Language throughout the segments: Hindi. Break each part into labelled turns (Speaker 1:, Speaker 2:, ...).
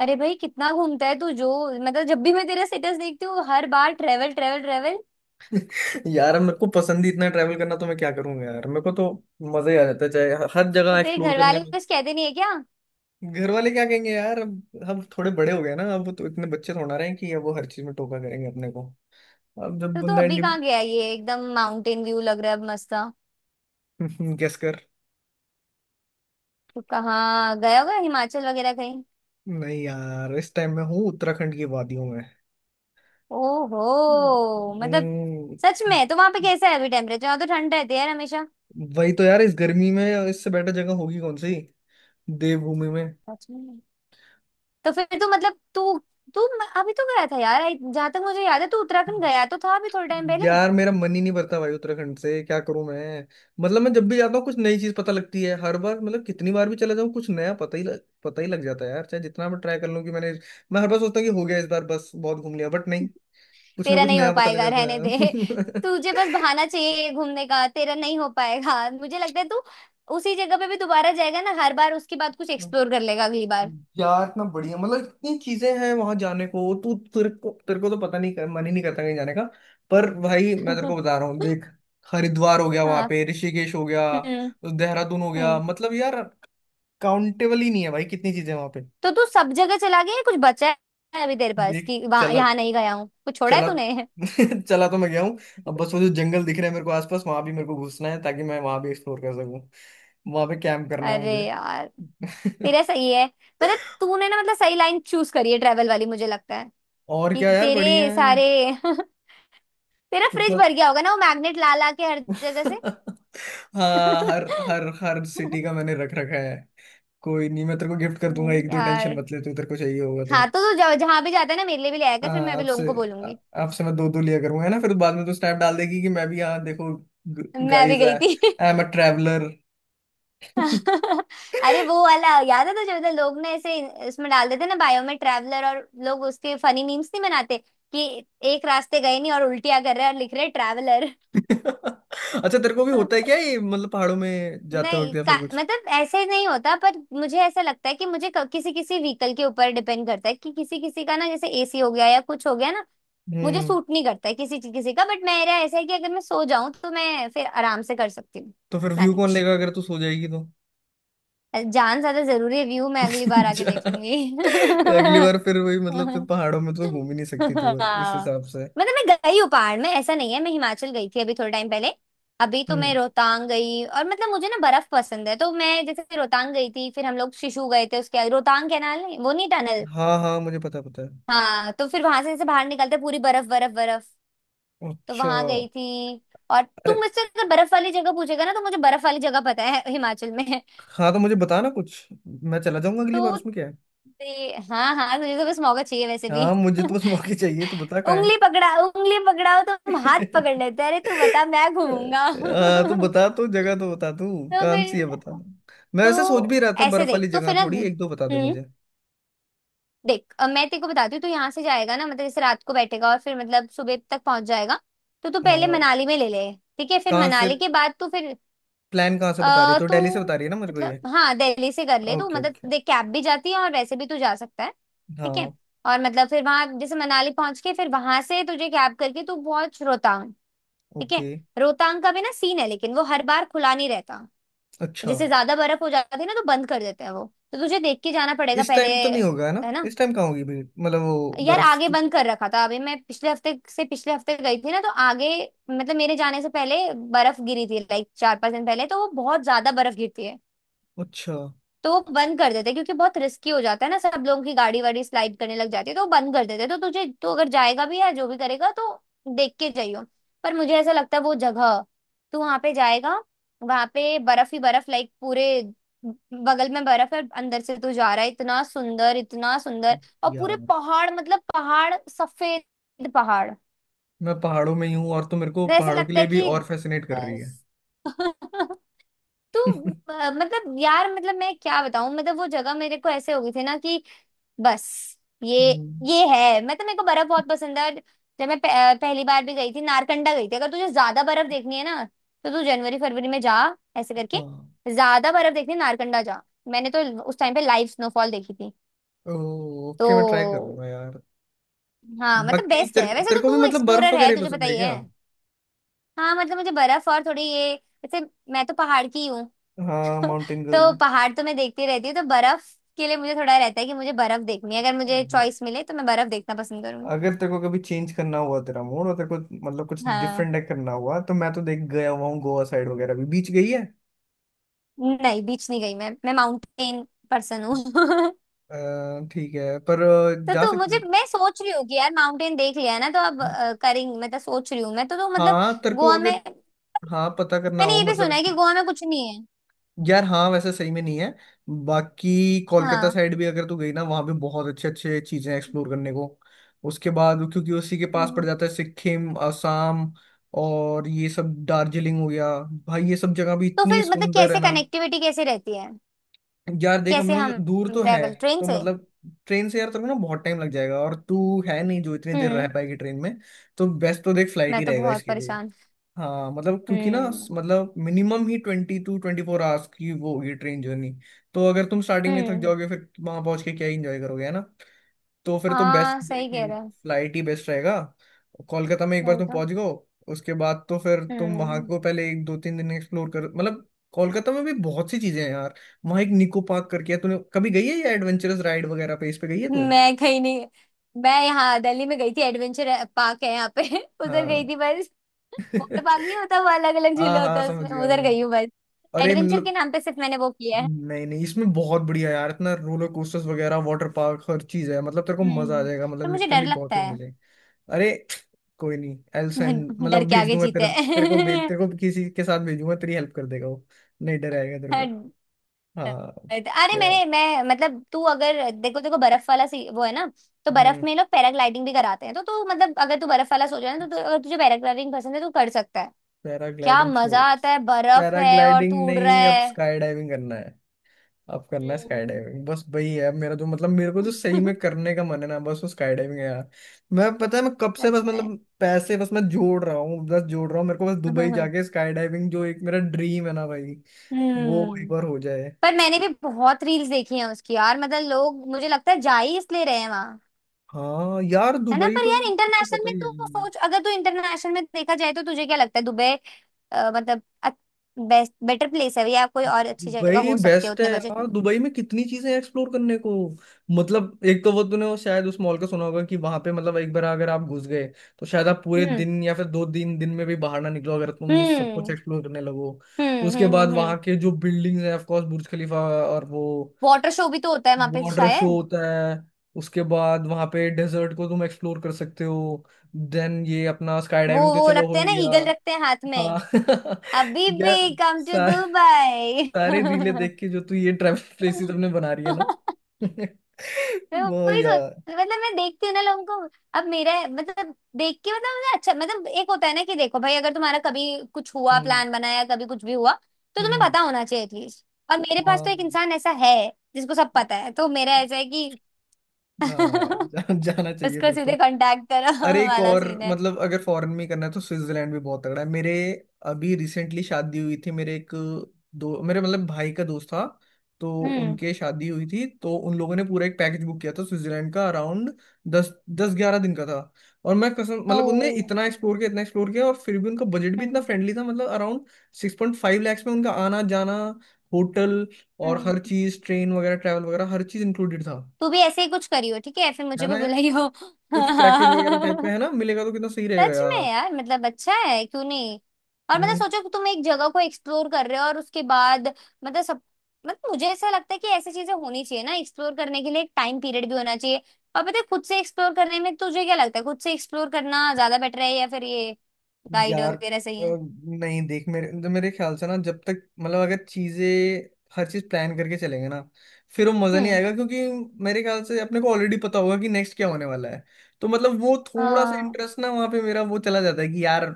Speaker 1: अरे भाई कितना घूमता है तू जो। मतलब जब भी मैं तेरा स्टेटस देखती हूँ हर बार ट्रेवल ट्रेवल ट्रेवल।
Speaker 2: यार मेरे को पसंद ही इतना ट्रैवल करना। तो मैं क्या करूंगा यार, मेरे को तो मजा ही आ जाता है चाहे हर
Speaker 1: तो
Speaker 2: जगह
Speaker 1: तेरे
Speaker 2: एक्सप्लोर
Speaker 1: घर
Speaker 2: करने
Speaker 1: वाले
Speaker 2: में।
Speaker 1: कुछ कहते नहीं है क्या?
Speaker 2: घर वाले क्या कहेंगे यार? अब थोड़े बड़े हो गए ना, अब तो इतने बच्चे थोड़ा रहे हैं कि अब वो हर चीज में टोका करेंगे अपने को। अब जब
Speaker 1: तो तू
Speaker 2: बंदा
Speaker 1: अभी
Speaker 2: इंडी
Speaker 1: कहाँ गया? ये एकदम माउंटेन व्यू लग रहा है अब मस्त सा।
Speaker 2: गेस कर।
Speaker 1: तू कहाँ गया होगा हिमाचल वगैरह कहीं?
Speaker 2: नहीं यार, इस टाइम में हूँ उत्तराखंड की वादियों में।
Speaker 1: ओहो, मतलब
Speaker 2: हम्म।
Speaker 1: सच में? तो वहां पे कैसा है अभी टेम्परेचर? वहां तो ठंड रहती है यार हमेशा।
Speaker 2: वही तो यार, इस गर्मी में इससे बेटर जगह होगी कौन सी, देवभूमि में।
Speaker 1: सच में। तो फिर तू मतलब तू तू म- अभी तो गया था यार, जहाँ तक मुझे याद है तू उत्तराखंड गया तो था अभी थोड़े टाइम पहले।
Speaker 2: यार मेरा मन ही नहीं भरता भाई उत्तराखंड से, क्या करूं मैं। मतलब मैं जब भी जाता हूँ कुछ नई चीज पता लगती है हर बार। मतलब कितनी बार भी चला जाऊं कुछ नया पता ही लग जाता है यार। चाहे जितना मैं ट्राई कर लूं कि मैंने, मैं हर बार सोचता हूँ कि हो गया इस बार बस बहुत घूम लिया, बट नहीं, कुछ ना
Speaker 1: तेरा
Speaker 2: कुछ
Speaker 1: नहीं हो
Speaker 2: नया पता लग
Speaker 1: पाएगा, रहने दे।
Speaker 2: जाता
Speaker 1: तुझे बस बहाना चाहिए घूमने का, तेरा नहीं हो पाएगा मुझे लगता है। तू उसी जगह पे भी दोबारा जाएगा ना हर बार, उसके बाद कुछ
Speaker 2: है।
Speaker 1: एक्सप्लोर कर लेगा अगली बार।
Speaker 2: यार इतना बढ़िया, मतलब इतनी चीजें हैं वहां जाने को, तू तेरे को तो पता नहीं मन ही नहीं करता कहीं जाने का। पर भाई मैं तेरे को बता रहा हूँ, देख। हरिद्वार हो गया, वहां
Speaker 1: हाँ।
Speaker 2: पे ऋषिकेश हो गया,
Speaker 1: हम्म।
Speaker 2: देहरादून हो गया,
Speaker 1: हम्म।
Speaker 2: मतलब यार काउंटेबल ही नहीं है भाई कितनी चीजें वहां पे।
Speaker 1: तो तू सब जगह चला गया है? कुछ बचा है अभी तेरे पास
Speaker 2: देख।
Speaker 1: कि वहां
Speaker 2: चला
Speaker 1: यहाँ नहीं गया हूँ? कुछ छोड़ा है
Speaker 2: चला
Speaker 1: तूने?
Speaker 2: चला तो मैं गया हूँ। अब बस वो जो जंगल दिख रहे हैं मेरे को आसपास, वहां भी मेरे को घुसना है ताकि मैं वहां भी एक्सप्लोर कर सकूं। वहां पे कैंप करना है
Speaker 1: अरे
Speaker 2: मुझे।
Speaker 1: यार तेरा सही है। मतलब तूने ना मतलब सही लाइन चूज करी है ट्रेवल वाली, मुझे लगता है
Speaker 2: और
Speaker 1: कि
Speaker 2: क्या यार,
Speaker 1: तेरे
Speaker 2: बढ़िया है।
Speaker 1: सारे। तेरा फ्रिज
Speaker 2: कितना
Speaker 1: भर गया होगा ना वो मैग्नेट ला ला के हर जगह से।
Speaker 2: हाँ, हर हर हर
Speaker 1: हम्म।
Speaker 2: सिटी का मैंने रख रखा है। कोई नहीं, मैं तेरे को गिफ्ट कर दूंगा एक दो, टेंशन
Speaker 1: यार
Speaker 2: मत ले तू, तेरे को चाहिए होगा तो।
Speaker 1: हाँ, तो जहाँ जहाँ भी जाता है ना मेरे लिए भी ले आया कर, फिर मैं
Speaker 2: हाँ,
Speaker 1: भी
Speaker 2: आपसे
Speaker 1: लोगों को
Speaker 2: आ-
Speaker 1: बोलूंगी
Speaker 2: आपसे मैं दो दो लिया करूंगा, है ना? फिर बाद में तो स्नैप डाल देगी कि मैं भी यहाँ देखो,
Speaker 1: मैं भी
Speaker 2: गाइस
Speaker 1: गई थी।
Speaker 2: I am a traveller.
Speaker 1: अरे वो वाला याद है तुझे? मतलब लोग ना ऐसे इसमें डाल देते ना बायो में ट्रैवलर, और लोग उसके फनी मीम्स नहीं बनाते कि एक रास्ते गए नहीं और उल्टियां कर रहे हैं और लिख रहे ट्रैवलर।
Speaker 2: अच्छा, तेरे को भी होता है क्या ये, मतलब पहाड़ों में जाते वक्त
Speaker 1: नहीं
Speaker 2: या
Speaker 1: का,
Speaker 2: फिर कुछ?
Speaker 1: मतलब ऐसे नहीं होता, पर मुझे ऐसा लगता है कि मुझे किसी किसी व्हीकल के ऊपर डिपेंड करता है कि किसी किसी का ना, जैसे एसी हो गया या कुछ हो गया ना, मुझे
Speaker 2: हम्म।
Speaker 1: सूट नहीं करता है किसी किसी का। बट मेरा ऐसा है कि अगर मैं सो जाऊं तो मैं फिर आराम से कर सकती हूँ।
Speaker 2: तो फिर व्यू कौन
Speaker 1: मैनेज।
Speaker 2: लेगा अगर तू सो जाएगी तो?
Speaker 1: जान ज्यादा जरूरी है, व्यू मैं अगली बार आके देख
Speaker 2: जा।
Speaker 1: लूंगी।
Speaker 2: अगली बार फिर वही, मतलब फिर पहाड़ों में तो घूम ही नहीं सकती तू इस
Speaker 1: हाँ
Speaker 2: हिसाब से।
Speaker 1: मतलब मैं गई हूँ पहाड़ में, ऐसा नहीं है। मैं हिमाचल गई थी अभी थोड़े टाइम पहले। अभी तो मैं
Speaker 2: हम्म।
Speaker 1: रोहतांग गई, और मतलब मुझे ना बर्फ पसंद है, तो मैं जैसे रोहतांग गई थी फिर हम लोग शिशु गए थे उसके, रोहतांग कैनाल नहीं, वो नहीं, टनल।
Speaker 2: हाँ हाँ, मुझे पता पता है।
Speaker 1: हाँ तो फिर वहां से जैसे बाहर निकलते पूरी बर्फ बर्फ बर्फ। तो
Speaker 2: अच्छा।
Speaker 1: वहां गई थी। और
Speaker 2: अरे।
Speaker 1: तुम मुझसे अगर बर्फ वाली जगह पूछेगा ना तो मुझे बर्फ वाली जगह पता है हिमाचल में।
Speaker 2: हाँ, तो मुझे बता ना कुछ, मैं चला जाऊंगा अगली बार,
Speaker 1: तो
Speaker 2: उसमें क्या है।
Speaker 1: हाँ हाँ, तुझे तो बस मौका चाहिए वैसे
Speaker 2: हाँ,
Speaker 1: भी।
Speaker 2: मुझे तो बस मौके चाहिए, तो बता कहाँ है।
Speaker 1: उंगली पकड़ा, उंगली पकड़ाओ तो हम हाथ पकड़ लेते हैं, अरे तू बता मैं घूमूंगा।
Speaker 2: हाँ तो बता, तू जगह तो बता तू,
Speaker 1: तो
Speaker 2: कौन सी है
Speaker 1: फिर,
Speaker 2: बता। मैं वैसे सोच भी
Speaker 1: तो
Speaker 2: रहा था,
Speaker 1: ऐसे
Speaker 2: बर्फ
Speaker 1: देख,
Speaker 2: वाली
Speaker 1: तो
Speaker 2: जगह
Speaker 1: फिर ना,
Speaker 2: थोड़ी एक दो बता दे
Speaker 1: हम्म।
Speaker 2: मुझे।
Speaker 1: देख अब मैं तेरे को बताती हूँ, तू यहाँ से जाएगा ना मतलब जैसे रात को बैठेगा और फिर मतलब सुबह तक पहुंच जाएगा। तो तू पहले
Speaker 2: हाँ।
Speaker 1: मनाली में ले ले। ठीक है, फिर
Speaker 2: कहाँ से?
Speaker 1: मनाली के बाद तू फिर
Speaker 2: प्लान कहाँ से
Speaker 1: अ
Speaker 2: बता रही है? तो
Speaker 1: तो
Speaker 2: दिल्ली से बता रही है ना मेरे को ये?
Speaker 1: मतलब, हाँ दिल्ली से कर ले तो
Speaker 2: ओके
Speaker 1: मतलब
Speaker 2: ओके।
Speaker 1: देख कैब भी जाती है और वैसे भी तू जा सकता है। ठीक है।
Speaker 2: हाँ।
Speaker 1: और मतलब फिर वहां जैसे मनाली पहुंच के फिर वहां से तुझे कैब करके तू पहुंच रोहतांग। ठीक है।
Speaker 2: ओके।
Speaker 1: रोहतांग का भी ना सीन है, लेकिन वो हर बार खुला नहीं रहता।
Speaker 2: अच्छा।
Speaker 1: जैसे ज्यादा बर्फ हो जाती है ना तो बंद कर देते हैं वो। तो तुझे देख के जाना पड़ेगा
Speaker 2: इस
Speaker 1: पहले,
Speaker 2: टाइम तो नहीं होगा है ना,
Speaker 1: है ना।
Speaker 2: इस टाइम कहाँ होगी भीड़, मतलब वो
Speaker 1: यार
Speaker 2: बर्फ
Speaker 1: आगे
Speaker 2: की।
Speaker 1: बंद कर रखा था अभी, मैं पिछले हफ्ते से, पिछले हफ्ते गई थी ना तो आगे, मतलब मेरे जाने से पहले बर्फ गिरी थी लाइक चार पांच दिन पहले, तो वो बहुत ज्यादा बर्फ गिरती है।
Speaker 2: अच्छा।
Speaker 1: तो वो बंद कर देते क्योंकि बहुत रिस्की हो जाता है ना, सब लोगों की गाड़ी वाड़ी स्लाइड करने लग जाती है तो वो बंद कर देते। तो तुझे तो अगर जाएगा भी या जो भी करेगा तो देख के जाइयो। पर मुझे ऐसा लगता है वो जगह, तू वहां पे जाएगा, वहां पे बर्फ ही बर्फ, लाइक पूरे बगल में बर्फ है, अंदर से तू जा रहा है, इतना सुंदर इतना सुंदर। और पूरे
Speaker 2: यार
Speaker 1: पहाड़, मतलब पहाड़ सफेद पहाड़।
Speaker 2: मैं पहाड़ों में ही हूँ, और तो मेरे को
Speaker 1: तो ऐसा
Speaker 2: पहाड़ों के
Speaker 1: लगता
Speaker 2: लिए
Speaker 1: है
Speaker 2: भी
Speaker 1: कि
Speaker 2: और फैसिनेट कर रही
Speaker 1: अ,
Speaker 2: है।
Speaker 1: तो मतलब यार, मतलब मैं क्या बताऊं, मतलब वो जगह मेरे को ऐसे हो गई थी ना कि बस, ये
Speaker 2: हम्म।
Speaker 1: है। मैं तो, मेरे को बर्फ बहुत पसंद है। और जब मैं पहली बार भी गई थी नारकंडा गई थी। अगर तुझे ज्यादा बर्फ देखनी है ना तो तू जनवरी फरवरी में जा, ऐसे करके।
Speaker 2: हाँ।
Speaker 1: ज्यादा बर्फ देखनी है नारकंडा जा। मैंने तो उस टाइम पे लाइव स्नोफॉल देखी थी। तो
Speaker 2: ओके, मैं ट्राई करूंगा यार।
Speaker 1: हाँ मतलब
Speaker 2: बाकी
Speaker 1: बेस्ट
Speaker 2: तेरे
Speaker 1: है, वैसे
Speaker 2: तेरे
Speaker 1: तो
Speaker 2: को भी
Speaker 1: तू
Speaker 2: मतलब बर्फ
Speaker 1: एक्सप्लोरर
Speaker 2: वगैरह
Speaker 1: है,
Speaker 2: ही
Speaker 1: तुझे
Speaker 2: पसंद
Speaker 1: पता
Speaker 2: है
Speaker 1: ही है।
Speaker 2: क्या?
Speaker 1: हाँ मतलब मुझे बर्फ और थोड़ी ये, जैसे मैं तो पहाड़ की हूँ,
Speaker 2: हाँ, माउंटेन गर्ल।
Speaker 1: तो पहाड़ तो मैं देखती रहती हूँ, तो बर्फ के लिए मुझे थोड़ा रहता है कि मुझे बर्फ देखनी है। अगर मुझे
Speaker 2: हाँ।
Speaker 1: चॉइस मिले तो मैं बर्फ देखना पसंद करूंगी।
Speaker 2: अगर तेरे को कभी चेंज करना हुआ तेरा मूड, और तेरे को मतलब कुछ
Speaker 1: हाँ।
Speaker 2: डिफरेंट करना हुआ, तो मैं तो देख गया हुआ हूँ गोवा साइड वगैरह, भी बीच गई है?
Speaker 1: नहीं, बीच नहीं गई मैं माउंटेन पर्सन हूँ।
Speaker 2: ठीक है पर
Speaker 1: तो
Speaker 2: जा
Speaker 1: तू मुझे,
Speaker 2: सकते।
Speaker 1: मैं सोच रही हूँ कि यार माउंटेन देख लिया है ना, तो अब करेंगे मतलब, सोच रही हूँ मैं तो मतलब
Speaker 2: हाँ तेरे को
Speaker 1: गोवा में,
Speaker 2: अगर हाँ पता करना
Speaker 1: मैंने
Speaker 2: हो
Speaker 1: ये भी
Speaker 2: मतलब।
Speaker 1: सुना है कि गोवा में कुछ नहीं है।
Speaker 2: यार हाँ वैसे सही में नहीं है। बाकी कोलकाता
Speaker 1: हाँ।
Speaker 2: साइड भी अगर तू गई ना, वहाँ भी बहुत अच्छे अच्छे चीजें एक्सप्लोर करने को। उसके बाद क्योंकि उसी के पास पड़
Speaker 1: हम्म।
Speaker 2: जाता है सिक्किम, असम, और ये सब दार्जिलिंग हो गया। भाई ये सब जगह भी
Speaker 1: तो
Speaker 2: इतनी
Speaker 1: फिर मतलब
Speaker 2: सुंदर है
Speaker 1: कैसे
Speaker 2: ना।
Speaker 1: कनेक्टिविटी कैसे रहती है?
Speaker 2: यार देख, हम
Speaker 1: कैसे
Speaker 2: लोग
Speaker 1: हम
Speaker 2: दूर तो है,
Speaker 1: ट्रेवल, ट्रेन
Speaker 2: तो
Speaker 1: से?
Speaker 2: मतलब ट्रेन से यार तेरे को ना बहुत टाइम लग जाएगा, और तू है नहीं जो इतनी देर रह
Speaker 1: हम्म।
Speaker 2: पाएगी ट्रेन में। तो बेस्ट तो देख फ्लाइट
Speaker 1: मैं
Speaker 2: ही
Speaker 1: तो
Speaker 2: रहेगा
Speaker 1: बहुत
Speaker 2: इसके लिए।
Speaker 1: परेशान।
Speaker 2: हाँ मतलब, क्योंकि ना
Speaker 1: हम्म।
Speaker 2: मतलब मिनिमम ही 22-24 आवर्स की वो होगी ट्रेन जर्नी। तो अगर तुम स्टार्टिंग में ही थक
Speaker 1: हम्म।
Speaker 2: जाओगे, फिर वहां पहुंच के क्या ही इंजॉय करोगे है ना। तो फिर तो बेस्ट
Speaker 1: हाँ, सही कह
Speaker 2: देखिए,
Speaker 1: रहा है।
Speaker 2: फ्लाइट ही बेस्ट रहेगा। कोलकाता में एक बार
Speaker 1: वही
Speaker 2: तुम
Speaker 1: तो।
Speaker 2: पहुंच गए, उसके बाद तो फिर तुम वहां
Speaker 1: हम्म।
Speaker 2: को पहले एक दो तीन दिन एक्सप्लोर कर, मतलब कोलकाता में भी बहुत सी चीजें हैं यार। वहाँ एक निको पार्क करके है, तूने कभी गई है, या एडवेंचरस राइड वगैरह पे इस पे गई है तू?
Speaker 1: मैं गई नहीं। मैं यहाँ दिल्ली में गई थी, एडवेंचर पार्क है यहाँ पे। उधर गई
Speaker 2: हाँ।
Speaker 1: थी बस। वाटर पार्क नहीं होता, वो अलग अलग झूले
Speaker 2: हाँ
Speaker 1: होते
Speaker 2: हाँ
Speaker 1: हैं
Speaker 2: समझ
Speaker 1: उसमें,
Speaker 2: गया
Speaker 1: उधर
Speaker 2: मैं।
Speaker 1: गई हूँ बस।
Speaker 2: अरे
Speaker 1: एडवेंचर के
Speaker 2: मतलब,
Speaker 1: नाम पे सिर्फ मैंने वो किया है।
Speaker 2: नहीं नहीं, इसमें बहुत बढ़िया यार, इतना रोलर कोस्टर्स वगैरह, वाटर पार्क, हर चीज है, मतलब तेरे को मजा आ
Speaker 1: हम्म।
Speaker 2: जाएगा, मतलब
Speaker 1: तो मुझे डर
Speaker 2: लिटरली बहुत
Speaker 1: लगता
Speaker 2: ही
Speaker 1: है।
Speaker 2: मिले। अरे, कोई नहीं, एल सेंड
Speaker 1: डर
Speaker 2: मतलब
Speaker 1: के
Speaker 2: भेज
Speaker 1: आगे
Speaker 2: दूंगा
Speaker 1: जीते
Speaker 2: तेरे तेरे को भेज
Speaker 1: हैं।
Speaker 2: तेरे को किसी के साथ भेजूंगा, तेरी हेल्प कर देगा वो। नहीं, डराएगा तेरे को।
Speaker 1: अरे,
Speaker 2: हाँ। या।
Speaker 1: मैंने, मैं मतलब, तू अगर, देखो देखो बर्फ वाला सी वो है ना, तो बर्फ
Speaker 2: हम्म।
Speaker 1: में लोग पैराग्लाइडिंग भी कराते हैं। तो तू, मतलब अगर तू बर्फ वाला सोच रहा है ना तो तू, अगर तुझे पैराग्लाइडिंग पसंद है तो कर सकता है। क्या
Speaker 2: पैराग्लाइडिंग
Speaker 1: मजा
Speaker 2: छोड़।
Speaker 1: आता है, बर्फ है और
Speaker 2: पैराग्लाइडिंग
Speaker 1: तू उड़ रहा
Speaker 2: नहीं, अब
Speaker 1: है।
Speaker 2: स्काई डाइविंग करना है। अब करना है स्काई
Speaker 1: हम्म।
Speaker 2: डाइविंग, बस वही है मेरा, जो मतलब मेरे को जो सही में करने का मन है ना, बस वो स्काई डाइविंग है यार। मैं, पता है मैं कब से,
Speaker 1: सच
Speaker 2: बस
Speaker 1: में।
Speaker 2: मतलब पैसे बस मैं जोड़ रहा हूँ, बस जोड़ रहा हूँ, मेरे को बस दुबई जाके स्काई डाइविंग जो एक मेरा ड्रीम है ना भाई। वो एक
Speaker 1: हम्म।
Speaker 2: बार हो जाए।
Speaker 1: पर मैंने भी बहुत रील्स देखी हैं उसकी यार, मतलब लोग, मुझे लगता है जा ही इसलिए रहे हैं वहां।
Speaker 2: हाँ यार,
Speaker 1: है ना?
Speaker 2: दुबई
Speaker 1: पर
Speaker 2: तो,
Speaker 1: यार
Speaker 2: तो
Speaker 1: इंटरनेशनल
Speaker 2: पता
Speaker 1: में
Speaker 2: ही है।
Speaker 1: तू सोच, अगर तू इंटरनेशनल में देखा जाए तो तुझे क्या लगता है, दुबई मतलब बेस्ट, बेटर प्लेस है, या कोई और अच्छी जगह
Speaker 2: भाई
Speaker 1: हो सकती है
Speaker 2: बेस्ट है
Speaker 1: उतने बजट में?
Speaker 2: यार, दुबई में कितनी चीजें एक्सप्लोर करने को। मतलब एक तो वो तूने वो शायद उस मॉल का सुना होगा, कि वहां पे मतलब एक बार अगर आप घुस गए, तो शायद आप पूरे
Speaker 1: हम्म।
Speaker 2: दिन या फिर 2-3 दिन में भी बाहर ना निकलो अगर तुम सब कुछ
Speaker 1: हम्म।
Speaker 2: एक्सप्लोर करने लगो।
Speaker 1: हम्म।
Speaker 2: उसके
Speaker 1: हम्म।
Speaker 2: बाद वहां
Speaker 1: हम्म।
Speaker 2: के जो बिल्डिंग्स हैं, ऑफ कोर्स बुर्ज खलीफा। और वो
Speaker 1: वाटर शो भी तो होता है वहां पे
Speaker 2: वाटर शो
Speaker 1: शायद।
Speaker 2: होता है। उसके बाद वहां पे डेजर्ट को तुम एक्सप्लोर कर सकते हो। देन ये अपना स्काई
Speaker 1: वो
Speaker 2: डाइविंग तो
Speaker 1: वो
Speaker 2: चलो हो
Speaker 1: रखते हैं
Speaker 2: ही
Speaker 1: ना,
Speaker 2: गया।
Speaker 1: ईगल रखते हैं हाथ में।
Speaker 2: हाँ।
Speaker 1: अभी
Speaker 2: यार
Speaker 1: भी कम टू दुबई।
Speaker 2: सारे रीले देख के जो तू ये ट्रैवल प्लेसेस
Speaker 1: मैं
Speaker 2: अपने बना रही है ना। वो
Speaker 1: वही सोच,
Speaker 2: यार।
Speaker 1: मतलब मैं देखती हूँ ना लोगों को, अब मेरा मतलब देख के, मतलब मुझे अच्छा, मतलब एक होता है ना कि देखो भाई, अगर तुम्हारा कभी कुछ हुआ,
Speaker 2: हम्म।
Speaker 1: प्लान बनाया, कभी कुछ भी हुआ, तो तुम्हें
Speaker 2: हम्म।
Speaker 1: पता होना चाहिए एटलीस्ट। और मेरे पास तो एक
Speaker 2: हाँ
Speaker 1: इंसान ऐसा है जिसको सब पता है, तो मेरा ऐसा है कि
Speaker 2: हाँ। यार जा, जाना चाहिए
Speaker 1: उसको
Speaker 2: फिर तो।
Speaker 1: सीधे कांटेक्ट करो।
Speaker 2: अरे एक
Speaker 1: वाला
Speaker 2: और,
Speaker 1: सीन है।
Speaker 2: मतलब अगर फॉरेन में ही करना है तो स्विट्जरलैंड भी बहुत तगड़ा है मेरे। अभी रिसेंटली शादी हुई थी मेरे एक, दो मेरे मतलब भाई का दोस्त था, तो
Speaker 1: हम्म।
Speaker 2: उनके शादी हुई थी, तो उन लोगों ने पूरा एक पैकेज बुक किया था स्विट्जरलैंड का, अराउंड दस दस ग्यारह दिन का था। और मैं कसम, मतलब उनने
Speaker 1: ओ।
Speaker 2: इतना एक्सप्लोर किया इतना एक्सप्लोर किया, और फिर भी उनका बजट भी इतना
Speaker 1: हम्म।
Speaker 2: फ्रेंडली था, मतलब अराउंड 6.5 लैक्स में उनका आना जाना, होटल, और
Speaker 1: हम्म।
Speaker 2: हर चीज़, ट्रेन वगैरह ट्रैवल वगैरह हर चीज़ इंक्लूडेड था।
Speaker 1: तू भी ऐसे ही कुछ करियो ठीक है, फिर
Speaker 2: है
Speaker 1: मुझे भी
Speaker 2: ना यार,
Speaker 1: बुलाइयो।
Speaker 2: कुछ पैकेज वगैरह टाइप में है ना मिलेगा तो कितना सही रहेगा
Speaker 1: सच में
Speaker 2: यार।
Speaker 1: यार, मतलब अच्छा है, क्यों नहीं। और मतलब
Speaker 2: हम्म।
Speaker 1: सोचो कि तुम एक जगह को एक्सप्लोर कर रहे हो और उसके बाद, मतलब सब, मतलब मुझे ऐसा लगता है कि ऐसी चीजें होनी चाहिए ना एक्सप्लोर करने के लिए, एक टाइम पीरियड भी होना चाहिए। और पता है, खुद से एक्सप्लोर करने में तुझे क्या लगता है? खुद से एक्सप्लोर करना ज्यादा बेटर है, या फिर ये गाइड
Speaker 2: यार
Speaker 1: वगैरह सही है?
Speaker 2: नहीं देख मेरे, मतलब मेरे ख्याल से ना, जब तक, मतलब अगर चीजें हर चीज प्लान करके चलेंगे ना, फिर वो मजा नहीं
Speaker 1: हम्म।
Speaker 2: आएगा, क्योंकि मेरे ख्याल से अपने को ऑलरेडी पता होगा कि नेक्स्ट क्या होने वाला है। तो मतलब वो थोड़ा सा
Speaker 1: हाँ।
Speaker 2: इंटरेस्ट ना वहाँ पे मेरा वो चला जाता है, कि यार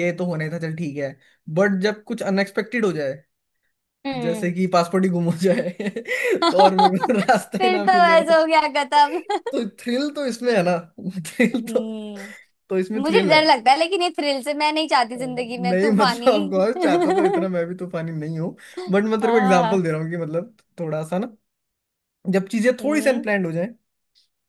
Speaker 2: ये तो होने था, चल ठीक है। बट जब कुछ अनएक्सपेक्टेड हो जाए, जैसे
Speaker 1: हम्म।
Speaker 2: कि पासपोर्ट ही गुम हो जाए, तो और मेरे को रास्ता ही
Speaker 1: फिर
Speaker 2: ना
Speaker 1: तो
Speaker 2: मिले।
Speaker 1: ऐसा हो गया, खत्म।
Speaker 2: तो थ्रिल तो इसमें है ना। थ्रिल तो
Speaker 1: हम्म।
Speaker 2: तो इसमें
Speaker 1: मुझे
Speaker 2: थ्रिल
Speaker 1: डर
Speaker 2: है।
Speaker 1: लगता है, लेकिन ये थ्रिल से मैं नहीं चाहती जिंदगी में,
Speaker 2: नहीं मतलब
Speaker 1: तूफानी।
Speaker 2: आपको और चाहता तो, इतना मैं भी तूफानी नहीं हूँ। बट मैं तेरे को एग्जांपल दे
Speaker 1: हाँ।
Speaker 2: रहा हूँ कि मतलब थोड़ा सा ना, जब चीजें थोड़ी सी
Speaker 1: हम्म।
Speaker 2: अनप्लान्ड हो जाए,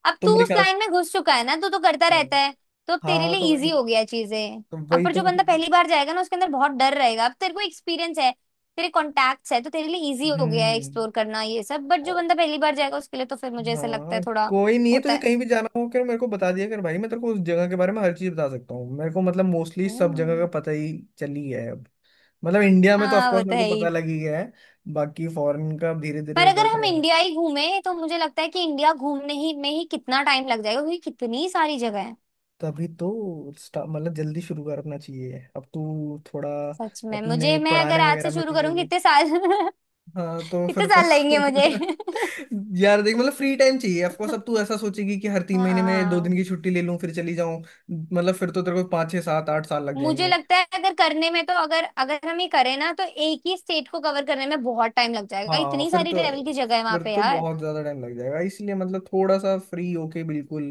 Speaker 1: अब
Speaker 2: तो
Speaker 1: तू
Speaker 2: मेरे
Speaker 1: उस
Speaker 2: ख्याल
Speaker 1: लाइन में घुस चुका है ना, तू तो करता
Speaker 2: से।
Speaker 1: रहता है, तो अब तेरे
Speaker 2: हाँ
Speaker 1: लिए
Speaker 2: तो
Speaker 1: इजी
Speaker 2: वही,
Speaker 1: हो गया चीजें।
Speaker 2: तो
Speaker 1: अब
Speaker 2: वही
Speaker 1: पर
Speaker 2: तो
Speaker 1: जो
Speaker 2: मैं
Speaker 1: बंदा
Speaker 2: चाहता हूँ।
Speaker 1: पहली बार जाएगा ना, उसके अंदर बहुत डर रहेगा। अब तेरे को एक्सपीरियंस है, तेरे कॉन्टैक्ट्स है, तो तेरे लिए इजी हो गया है
Speaker 2: हम्म।
Speaker 1: एक्सप्लोर करना ये सब, बट जो
Speaker 2: ओ।
Speaker 1: बंदा पहली बार जाएगा उसके लिए तो फिर मुझे ऐसा लगता है
Speaker 2: हाँ,
Speaker 1: थोड़ा
Speaker 2: कोई नहीं, है
Speaker 1: होता
Speaker 2: तुझे
Speaker 1: है।
Speaker 2: कहीं भी जाना हो क्या, मेरे को बता दिया कर भाई, मैं तेरे को उस जगह के बारे में हर चीज बता सकता हूँ, मेरे को मतलब मोस्टली सब जगह का
Speaker 1: हम्म।
Speaker 2: पता ही चली है अब। मतलब इंडिया में तो
Speaker 1: हाँ वो
Speaker 2: ऑफकोर्स
Speaker 1: तो
Speaker 2: मेरे
Speaker 1: है
Speaker 2: को पता
Speaker 1: ही।
Speaker 2: लग ही गया है, बाकी फॉरेन का धीरे
Speaker 1: पर
Speaker 2: धीरे
Speaker 1: अगर
Speaker 2: बढ़
Speaker 1: हम
Speaker 2: रहा है।
Speaker 1: इंडिया ही घूमे तो मुझे लगता है कि इंडिया घूमने ही में ही कितना टाइम लग जाएगा, क्योंकि कितनी सारी जगह है।
Speaker 2: तभी तो मतलब जल्दी शुरू करना चाहिए अब तू थोड़ा,
Speaker 1: सच में
Speaker 2: अपने
Speaker 1: मुझे, मैं
Speaker 2: पढ़ाने
Speaker 1: अगर आज
Speaker 2: वगैरह
Speaker 1: से
Speaker 2: में
Speaker 1: शुरू
Speaker 2: बिजी हो
Speaker 1: करूंगी
Speaker 2: गई।
Speaker 1: इतने साल। कितने
Speaker 2: हाँ तो फिर तेरे
Speaker 1: साल लगेंगे मुझे?
Speaker 2: को यार देख मतलब फ्री टाइम चाहिए ऑफकोर्स, अब तू ऐसा सोचेगी कि हर 3 महीने में 2 दिन
Speaker 1: हाँ।
Speaker 2: की छुट्टी ले लूं फिर चली जाऊं, मतलब फिर तो तेरे को 5-6-7-8 साल लग
Speaker 1: मुझे
Speaker 2: जाएंगे।
Speaker 1: लगता है अगर करने में, तो अगर अगर हम ये करें ना तो एक ही स्टेट को कवर करने में बहुत टाइम लग जाएगा,
Speaker 2: हाँ
Speaker 1: इतनी
Speaker 2: फिर
Speaker 1: सारी
Speaker 2: तो,
Speaker 1: ट्रेवल की जगह है वहां
Speaker 2: फिर
Speaker 1: पे
Speaker 2: तो
Speaker 1: यार।
Speaker 2: बहुत ज्यादा टाइम लग जाएगा, इसलिए मतलब थोड़ा सा फ्री होके, बिल्कुल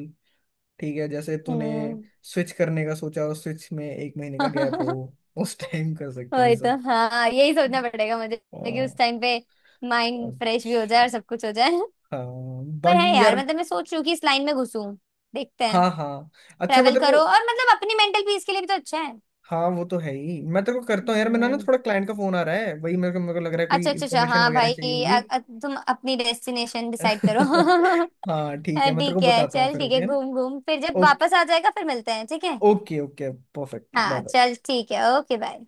Speaker 2: ठीक है जैसे तूने
Speaker 1: हम्म।
Speaker 2: स्विच करने का सोचा और स्विच में एक महीने का गैप हो, उस टाइम कर सकते हैं ये
Speaker 1: वही तो।
Speaker 2: सब।
Speaker 1: हाँ, यही सोचना पड़ेगा मुझे
Speaker 2: अ,
Speaker 1: कि उस टाइम पे माइंड फ्रेश भी हो जाए
Speaker 2: अच्छा।
Speaker 1: और सब कुछ हो जाए।
Speaker 2: हाँ।
Speaker 1: पर है
Speaker 2: बाकी
Speaker 1: यार,
Speaker 2: यार।
Speaker 1: मतलब मैं सोच रही हूँ कि इस लाइन में घुसूं, देखते हैं।
Speaker 2: हाँ हाँ। अच्छा मैं
Speaker 1: ट्रेवल
Speaker 2: तेरे को।
Speaker 1: करो, और मतलब अपनी मेंटल पीस के लिए भी तो अच्छा।
Speaker 2: हाँ वो तो है ही, मैं तेरे को करता हूँ यार, मेरा ना
Speaker 1: हम्म।
Speaker 2: थोड़ा क्लाइंट का फोन आ रहा है, वही मेरे को लग रहा है कोई
Speaker 1: अच्छा, अच्छा, अच्छा,
Speaker 2: इन्फॉर्मेशन
Speaker 1: हाँ
Speaker 2: वगैरह
Speaker 1: भाई,
Speaker 2: चाहिए होगी।
Speaker 1: तुम अपनी डेस्टिनेशन डिसाइड करो।
Speaker 2: हाँ ठीक है, मैं तेरे को
Speaker 1: ठीक है,
Speaker 2: बताता हूँ
Speaker 1: चल
Speaker 2: फिर,
Speaker 1: ठीक है,
Speaker 2: ओके ना।
Speaker 1: घूम घूम फिर, जब
Speaker 2: ओके,
Speaker 1: वापस आ जाएगा फिर मिलते हैं, ठीक है।
Speaker 2: Okay okay. परफेक्ट, बाय
Speaker 1: हाँ
Speaker 2: बाय।
Speaker 1: चल ठीक है, ओके बाय।